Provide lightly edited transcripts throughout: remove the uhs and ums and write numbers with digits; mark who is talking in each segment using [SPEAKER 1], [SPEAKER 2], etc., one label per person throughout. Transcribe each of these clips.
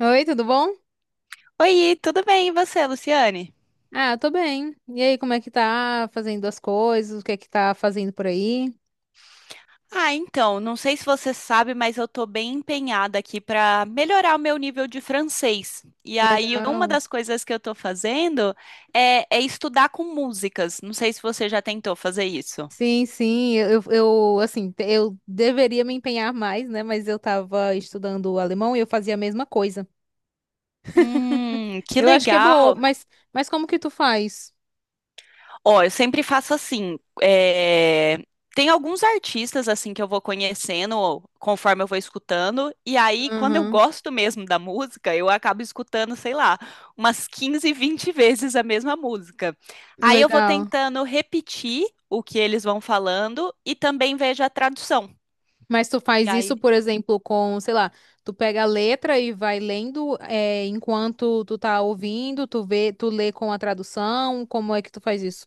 [SPEAKER 1] Oi, tudo bom?
[SPEAKER 2] Oi, tudo bem? E você, Luciane?
[SPEAKER 1] Ah, tô bem. E aí, como é que tá fazendo as coisas? O que é que tá fazendo por aí?
[SPEAKER 2] Ah, então, não sei se você sabe, mas eu tô bem empenhada aqui para melhorar o meu nível de francês. E aí, uma
[SPEAKER 1] Legal.
[SPEAKER 2] das coisas que eu tô fazendo é estudar com músicas. Não sei se você já tentou fazer isso.
[SPEAKER 1] Sim, sim, eu assim, eu deveria me empenhar mais, né? Mas eu tava estudando alemão e eu fazia a mesma coisa.
[SPEAKER 2] Que
[SPEAKER 1] Eu acho que é boa,
[SPEAKER 2] legal!
[SPEAKER 1] mas, como que tu faz?
[SPEAKER 2] Ó, eu sempre faço assim. Tem alguns artistas assim que eu vou conhecendo conforme eu vou escutando. E aí, quando eu
[SPEAKER 1] Aham,
[SPEAKER 2] gosto mesmo da música, eu acabo escutando, sei lá, umas 15, 20 vezes a mesma música. Aí eu vou
[SPEAKER 1] legal.
[SPEAKER 2] tentando repetir o que eles vão falando e também vejo a tradução.
[SPEAKER 1] Mas tu faz isso, por exemplo, com, sei lá, tu pega a letra e vai lendo, é, enquanto tu tá ouvindo, tu vê, tu lê com a tradução, como é que tu faz isso?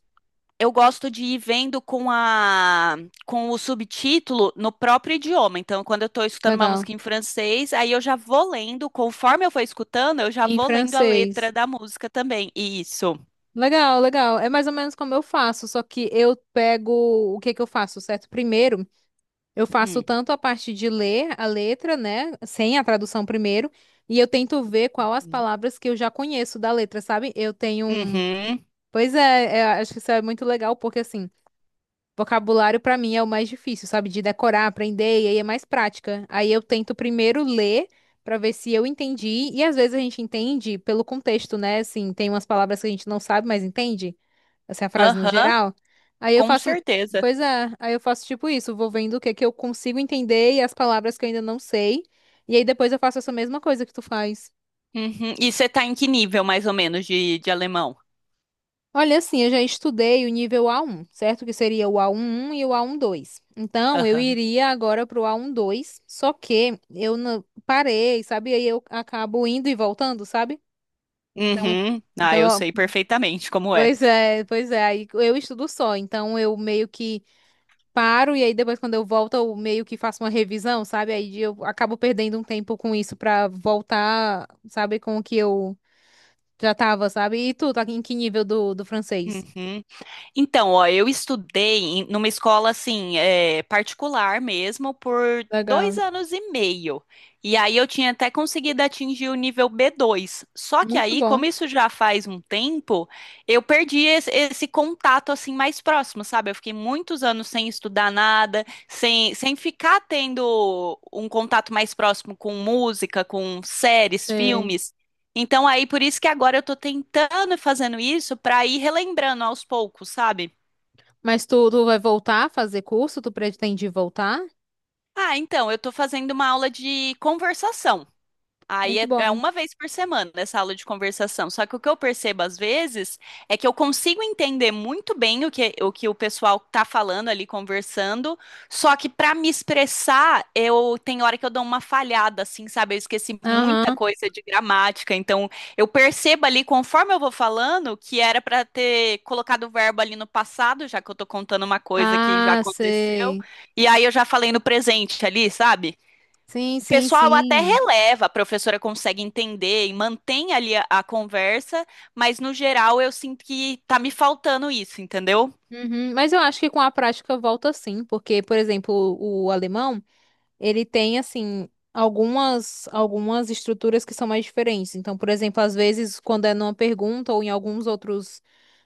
[SPEAKER 2] Eu gosto de ir vendo com o subtítulo no próprio idioma. Então, quando eu estou escutando uma
[SPEAKER 1] Legal.
[SPEAKER 2] música em francês, aí eu já vou lendo, conforme eu for escutando, eu já
[SPEAKER 1] Em
[SPEAKER 2] vou lendo a
[SPEAKER 1] francês.
[SPEAKER 2] letra da música também. Isso.
[SPEAKER 1] Legal, legal. É mais ou menos como eu faço, só que eu pego, o que que eu faço, certo? Primeiro, eu faço
[SPEAKER 2] Hum.
[SPEAKER 1] tanto a parte de ler a letra, né, sem a tradução primeiro, e eu tento ver qual as palavras que eu já conheço da letra, sabe? Eu tenho um...
[SPEAKER 2] Uhum.
[SPEAKER 1] Pois é, é, acho que isso é muito legal, porque assim, vocabulário pra mim é o mais difícil, sabe? De decorar, aprender, e aí é mais prática. Aí eu tento primeiro ler pra ver se eu entendi, e às vezes a gente entende pelo contexto, né? Assim, tem umas palavras que a gente não sabe, mas entende, essa é a frase no
[SPEAKER 2] Aham.
[SPEAKER 1] geral. Aí eu
[SPEAKER 2] Com
[SPEAKER 1] faço,
[SPEAKER 2] certeza.
[SPEAKER 1] pois é, aí eu faço tipo isso, vou vendo o que é que eu consigo entender e as palavras que eu ainda não sei, e aí depois eu faço essa mesma coisa que tu faz.
[SPEAKER 2] Uhum. E você tá em que nível, mais ou menos, de alemão?
[SPEAKER 1] Olha, assim, eu já estudei o nível A1, certo? Que seria o A11 e o A12. Então, eu
[SPEAKER 2] Aham.
[SPEAKER 1] iria agora pro A12, só que eu não parei, sabe? Aí eu acabo indo e voltando, sabe? Então,
[SPEAKER 2] Uhum. Ah,
[SPEAKER 1] então,
[SPEAKER 2] eu sei
[SPEAKER 1] ó,
[SPEAKER 2] perfeitamente como é.
[SPEAKER 1] pois é, aí eu estudo só, então eu meio que paro e aí depois quando eu volto eu meio que faço uma revisão, sabe? Aí eu acabo perdendo um tempo com isso pra voltar, sabe, com o que eu já tava, sabe? E tu, tá em que nível do, do francês?
[SPEAKER 2] Uhum. Então, ó, eu estudei numa escola assim, é, particular mesmo, por dois
[SPEAKER 1] Legal.
[SPEAKER 2] anos e meio. E aí eu tinha até conseguido atingir o nível B2. Só que
[SPEAKER 1] Muito
[SPEAKER 2] aí,
[SPEAKER 1] bom.
[SPEAKER 2] como isso já faz um tempo, eu perdi esse contato assim mais próximo, sabe? Eu fiquei muitos anos sem estudar nada, sem ficar tendo um contato mais próximo com música, com séries,
[SPEAKER 1] Sei.
[SPEAKER 2] filmes. Então aí por isso que agora eu tô tentando e fazendo isso pra ir relembrando aos poucos, sabe?
[SPEAKER 1] Mas tu, tu vai voltar a fazer curso? Tu pretende voltar?
[SPEAKER 2] Ah, então eu tô fazendo uma aula de conversação. Aí
[SPEAKER 1] Muito
[SPEAKER 2] é
[SPEAKER 1] bom.
[SPEAKER 2] uma vez por semana essa aula de conversação. Só que o que eu percebo às vezes é que eu consigo entender muito bem o que o pessoal tá falando ali conversando, só que para me expressar, eu tem hora que eu dou uma falhada, assim, sabe? Eu esqueci muita
[SPEAKER 1] Aham.
[SPEAKER 2] coisa de gramática. Então eu percebo ali, conforme eu vou falando, que era para ter colocado o verbo ali no passado, já que eu tô contando uma coisa que já
[SPEAKER 1] Ah,
[SPEAKER 2] aconteceu,
[SPEAKER 1] sei.
[SPEAKER 2] e aí eu já falei no presente ali, sabe?
[SPEAKER 1] Sim,
[SPEAKER 2] O
[SPEAKER 1] sim,
[SPEAKER 2] pessoal até
[SPEAKER 1] sim.
[SPEAKER 2] releva, a professora consegue entender e mantém ali a conversa, mas no geral eu sinto que tá me faltando isso, entendeu?
[SPEAKER 1] Uhum. Mas eu acho que com a prática volta sim, porque, por exemplo, o alemão, ele tem assim algumas estruturas que são mais diferentes. Então, por exemplo, às vezes quando é numa pergunta ou em alguns outros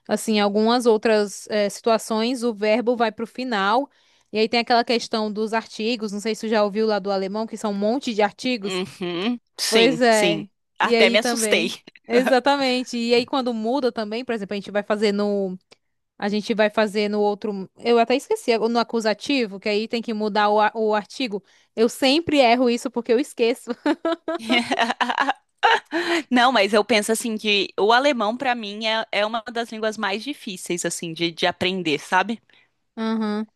[SPEAKER 1] assim, algumas outras situações, o verbo vai para o final. E aí tem aquela questão dos artigos, não sei se tu já ouviu lá do alemão, que são um monte de artigos.
[SPEAKER 2] Uhum,
[SPEAKER 1] Pois
[SPEAKER 2] sim, sim.
[SPEAKER 1] é. E
[SPEAKER 2] Até
[SPEAKER 1] aí
[SPEAKER 2] me assustei.
[SPEAKER 1] também. Exatamente. E aí quando muda também, por exemplo, a gente vai fazer no outro. Eu até esqueci, é no acusativo, que aí tem que mudar o artigo. Eu sempre erro isso porque eu esqueço.
[SPEAKER 2] Não, mas eu penso assim que o alemão pra mim é uma das línguas mais difíceis assim de aprender, sabe?
[SPEAKER 1] Aham.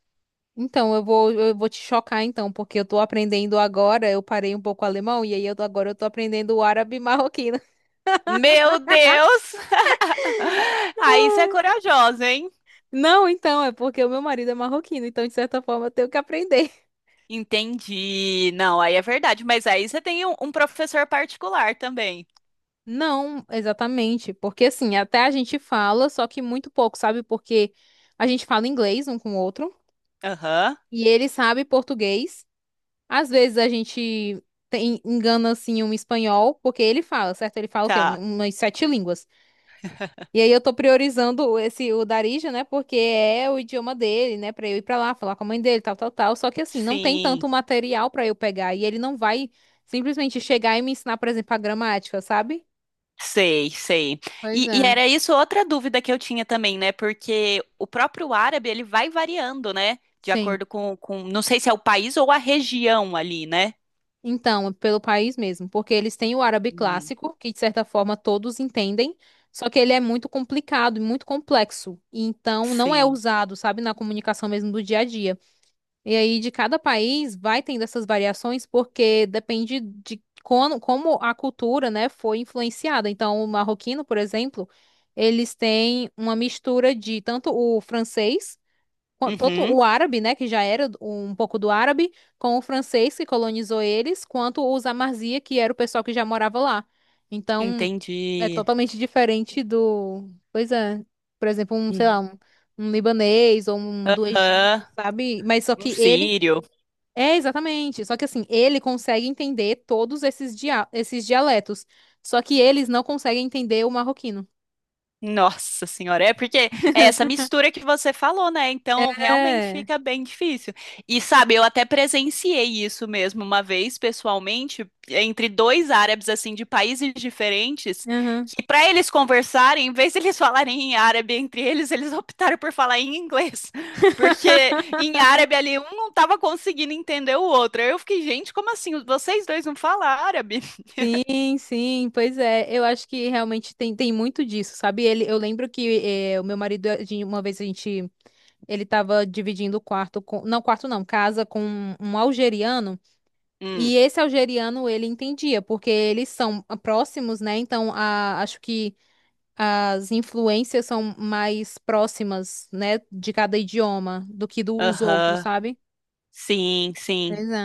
[SPEAKER 1] Então, eu vou te chocar, então, porque eu tô aprendendo agora. Eu parei um pouco o alemão e aí agora eu tô aprendendo o árabe marroquino.
[SPEAKER 2] Meu Deus! Aí você é
[SPEAKER 1] Ai.
[SPEAKER 2] corajosa, hein?
[SPEAKER 1] Não, então, é porque o meu marido é marroquino, então, de certa forma, eu tenho que aprender.
[SPEAKER 2] Entendi. Não, aí é verdade, mas aí você tem um professor particular também.
[SPEAKER 1] Não, exatamente. Porque, assim, até a gente fala, só que muito pouco, sabe? Porque a gente fala inglês um com o outro
[SPEAKER 2] Aham,
[SPEAKER 1] e ele sabe português. Às vezes a gente engana assim um espanhol, porque ele fala, certo? Ele fala o quê?
[SPEAKER 2] tá.
[SPEAKER 1] Umas sete línguas. E aí eu tô priorizando esse o Darija, né? Porque é o idioma dele, né? Pra eu ir pra lá, falar com a mãe dele, tal, tal, tal. Só que assim, não tem
[SPEAKER 2] Sim,
[SPEAKER 1] tanto material pra eu pegar. E ele não vai simplesmente chegar e me ensinar, por exemplo, a gramática, sabe?
[SPEAKER 2] sei, sei.
[SPEAKER 1] Pois
[SPEAKER 2] E
[SPEAKER 1] é,
[SPEAKER 2] era isso outra dúvida que eu tinha também, né? Porque o próprio árabe, ele vai variando, né? De
[SPEAKER 1] sim.
[SPEAKER 2] acordo com, não sei se é o país ou a região ali, né?
[SPEAKER 1] Então, pelo país mesmo, porque eles têm o árabe
[SPEAKER 2] Hum.
[SPEAKER 1] clássico, que de certa forma todos entendem, só que ele é muito complicado e muito complexo, e então não é
[SPEAKER 2] Sim.
[SPEAKER 1] usado, sabe, na comunicação mesmo do dia a dia. E aí de cada país vai tendo essas variações, porque depende de como, como a cultura, né, foi influenciada. Então, o marroquino, por exemplo, eles têm uma mistura de tanto o francês, tanto
[SPEAKER 2] Uhum,
[SPEAKER 1] o árabe, né, que já era um pouco do árabe, com o francês que colonizou eles, quanto os Amazia, que era o pessoal que já morava lá. Então, é
[SPEAKER 2] entendi.
[SPEAKER 1] totalmente diferente do, pois é, por exemplo, um, sei lá,
[SPEAKER 2] Uhum.
[SPEAKER 1] um libanês ou um do Egito,
[SPEAKER 2] Aham.
[SPEAKER 1] sabe? Mas só
[SPEAKER 2] Um
[SPEAKER 1] que ele,
[SPEAKER 2] sírio.
[SPEAKER 1] é exatamente, só que assim, ele consegue entender todos esses dia, esses dialetos, só que eles não conseguem entender o marroquino.
[SPEAKER 2] Nossa senhora, é porque é essa mistura que você falou, né? Então realmente
[SPEAKER 1] É.
[SPEAKER 2] fica bem difícil. E sabe, eu até presenciei isso mesmo uma vez pessoalmente, entre dois árabes assim de países diferentes,
[SPEAKER 1] Aham.
[SPEAKER 2] que para eles conversarem, em vez de eles falarem em árabe entre eles, eles optaram por falar em inglês, porque em árabe ali um não tava conseguindo entender o outro. Eu fiquei, gente, como assim? Vocês dois não falam árabe?
[SPEAKER 1] Sim, sim, pois é. Eu acho que realmente tem muito disso, sabe? Ele, eu lembro que o meu marido, uma vez a gente, ele tava dividindo o quarto com, não, quarto não, casa com um algeriano,
[SPEAKER 2] Hum,
[SPEAKER 1] e esse algeriano ele entendia, porque eles são próximos, né? Então, a, acho que as influências são mais próximas, né, de cada idioma do que dos outros,
[SPEAKER 2] aham.
[SPEAKER 1] sabe?
[SPEAKER 2] Sim, sim.
[SPEAKER 1] Pois é.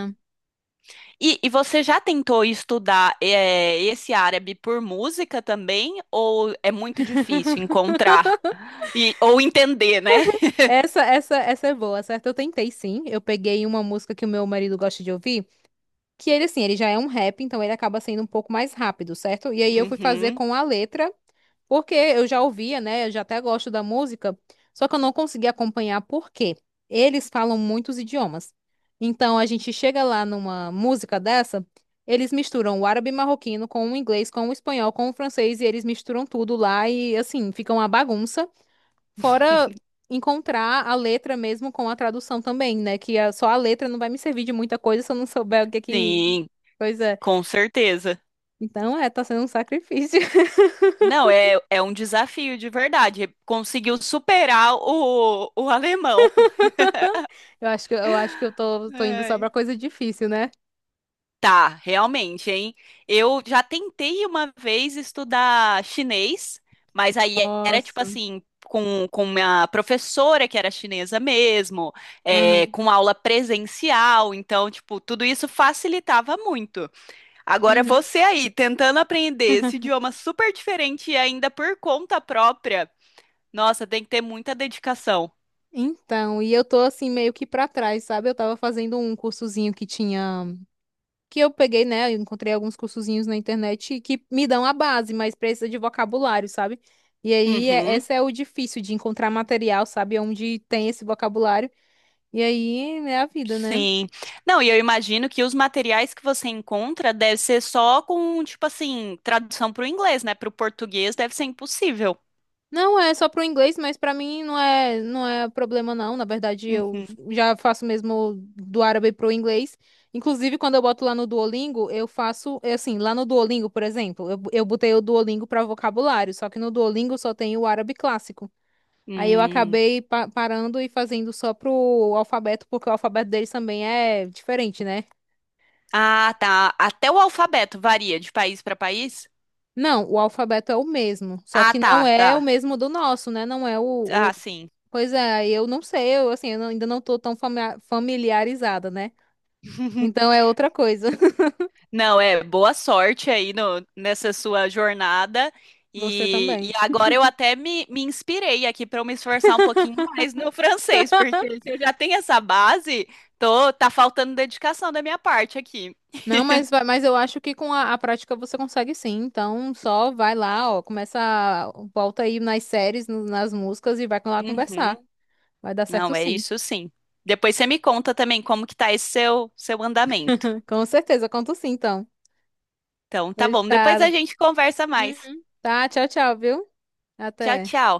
[SPEAKER 2] E você já tentou estudar esse árabe por música também? Ou é muito difícil encontrar ou entender, né?
[SPEAKER 1] Essa é boa, certo? Eu tentei sim. Eu peguei uma música que o meu marido gosta de ouvir, que ele, assim, ele já é um rap, então ele acaba sendo um pouco mais rápido, certo? E aí eu fui fazer
[SPEAKER 2] Uhum.
[SPEAKER 1] com a letra, porque eu já ouvia, né? Eu já até gosto da música, só que eu não consegui acompanhar porque eles falam muitos idiomas. Então a gente chega lá numa música dessa, eles misturam o árabe marroquino com o inglês, com o espanhol, com o francês, e eles misturam tudo lá e, assim, fica uma bagunça. Fora encontrar a letra mesmo com a tradução também, né? Que só a letra não vai me servir de muita coisa se eu não souber o que é que
[SPEAKER 2] Sim,
[SPEAKER 1] coisa é.
[SPEAKER 2] com certeza.
[SPEAKER 1] Então, é, tá sendo um sacrifício.
[SPEAKER 2] Não, é um desafio de verdade. Conseguiu superar o alemão.
[SPEAKER 1] Eu acho que eu tô, tô indo só
[SPEAKER 2] Ai.
[SPEAKER 1] pra coisa difícil, né?
[SPEAKER 2] Tá, realmente, hein? Eu já tentei uma vez estudar chinês, mas aí era tipo
[SPEAKER 1] Nossa.
[SPEAKER 2] assim, com minha professora que era chinesa mesmo, é,
[SPEAKER 1] Aham.
[SPEAKER 2] com aula presencial, então, tipo, tudo isso facilitava muito. Agora
[SPEAKER 1] Uhum.
[SPEAKER 2] você aí, tentando aprender esse idioma super diferente e ainda por conta própria, nossa, tem que ter muita dedicação.
[SPEAKER 1] Então, e eu tô assim meio que pra trás, sabe? Eu tava fazendo um cursozinho que tinha que eu peguei, né? eu Encontrei alguns cursozinhos na internet que me dão a base, mas precisa de vocabulário, sabe? E aí, é,
[SPEAKER 2] Uhum.
[SPEAKER 1] esse é o difícil de encontrar material, sabe? É onde tem esse vocabulário. E aí é a vida, né?
[SPEAKER 2] Sim. Não, e eu imagino que os materiais que você encontra deve ser só com, tipo assim, tradução para o inglês, né? Para o português deve ser impossível.
[SPEAKER 1] Não é só pro inglês, mas pra mim não é, não é problema, não. Na verdade, eu
[SPEAKER 2] Uhum.
[SPEAKER 1] já faço mesmo do árabe pro inglês. Inclusive, quando eu boto lá no Duolingo, eu faço, é assim, lá no Duolingo, por exemplo, eu botei o Duolingo pra vocabulário, só que no Duolingo só tem o árabe clássico. Aí eu
[SPEAKER 2] Hum.
[SPEAKER 1] acabei parando e fazendo só pro alfabeto, porque o alfabeto deles também é diferente, né?
[SPEAKER 2] Ah, tá. Até o alfabeto varia de país para país?
[SPEAKER 1] Não, o alfabeto é o mesmo, só
[SPEAKER 2] Ah,
[SPEAKER 1] que
[SPEAKER 2] tá,
[SPEAKER 1] não
[SPEAKER 2] tá.
[SPEAKER 1] é o mesmo do nosso, né? Não é o,
[SPEAKER 2] Ah,
[SPEAKER 1] o-
[SPEAKER 2] sim.
[SPEAKER 1] Pois é, eu não sei, eu assim, eu não- ainda não tô tão familiarizada, né? Então é outra coisa.
[SPEAKER 2] Não, é boa sorte aí no, nessa sua jornada.
[SPEAKER 1] Você
[SPEAKER 2] E
[SPEAKER 1] também.
[SPEAKER 2] agora eu até me inspirei aqui para eu me esforçar um pouquinho mais no francês, porque se eu já tenho essa base, tá faltando dedicação da minha parte aqui.
[SPEAKER 1] Não, mas, mas eu acho que com a prática você consegue sim. Então só vai lá, ó, começa, volta aí nas séries, nas músicas e vai lá conversar.
[SPEAKER 2] Uhum.
[SPEAKER 1] Vai dar certo
[SPEAKER 2] Não, é
[SPEAKER 1] sim.
[SPEAKER 2] isso sim. Depois você me conta também como que tá esse seu andamento.
[SPEAKER 1] Com certeza, conto sim, então.
[SPEAKER 2] Então,
[SPEAKER 1] Do
[SPEAKER 2] tá bom, depois a
[SPEAKER 1] estado.
[SPEAKER 2] gente conversa mais.
[SPEAKER 1] Uhum. Tá, tchau, tchau, viu?
[SPEAKER 2] Tchau,
[SPEAKER 1] Até.
[SPEAKER 2] tchau.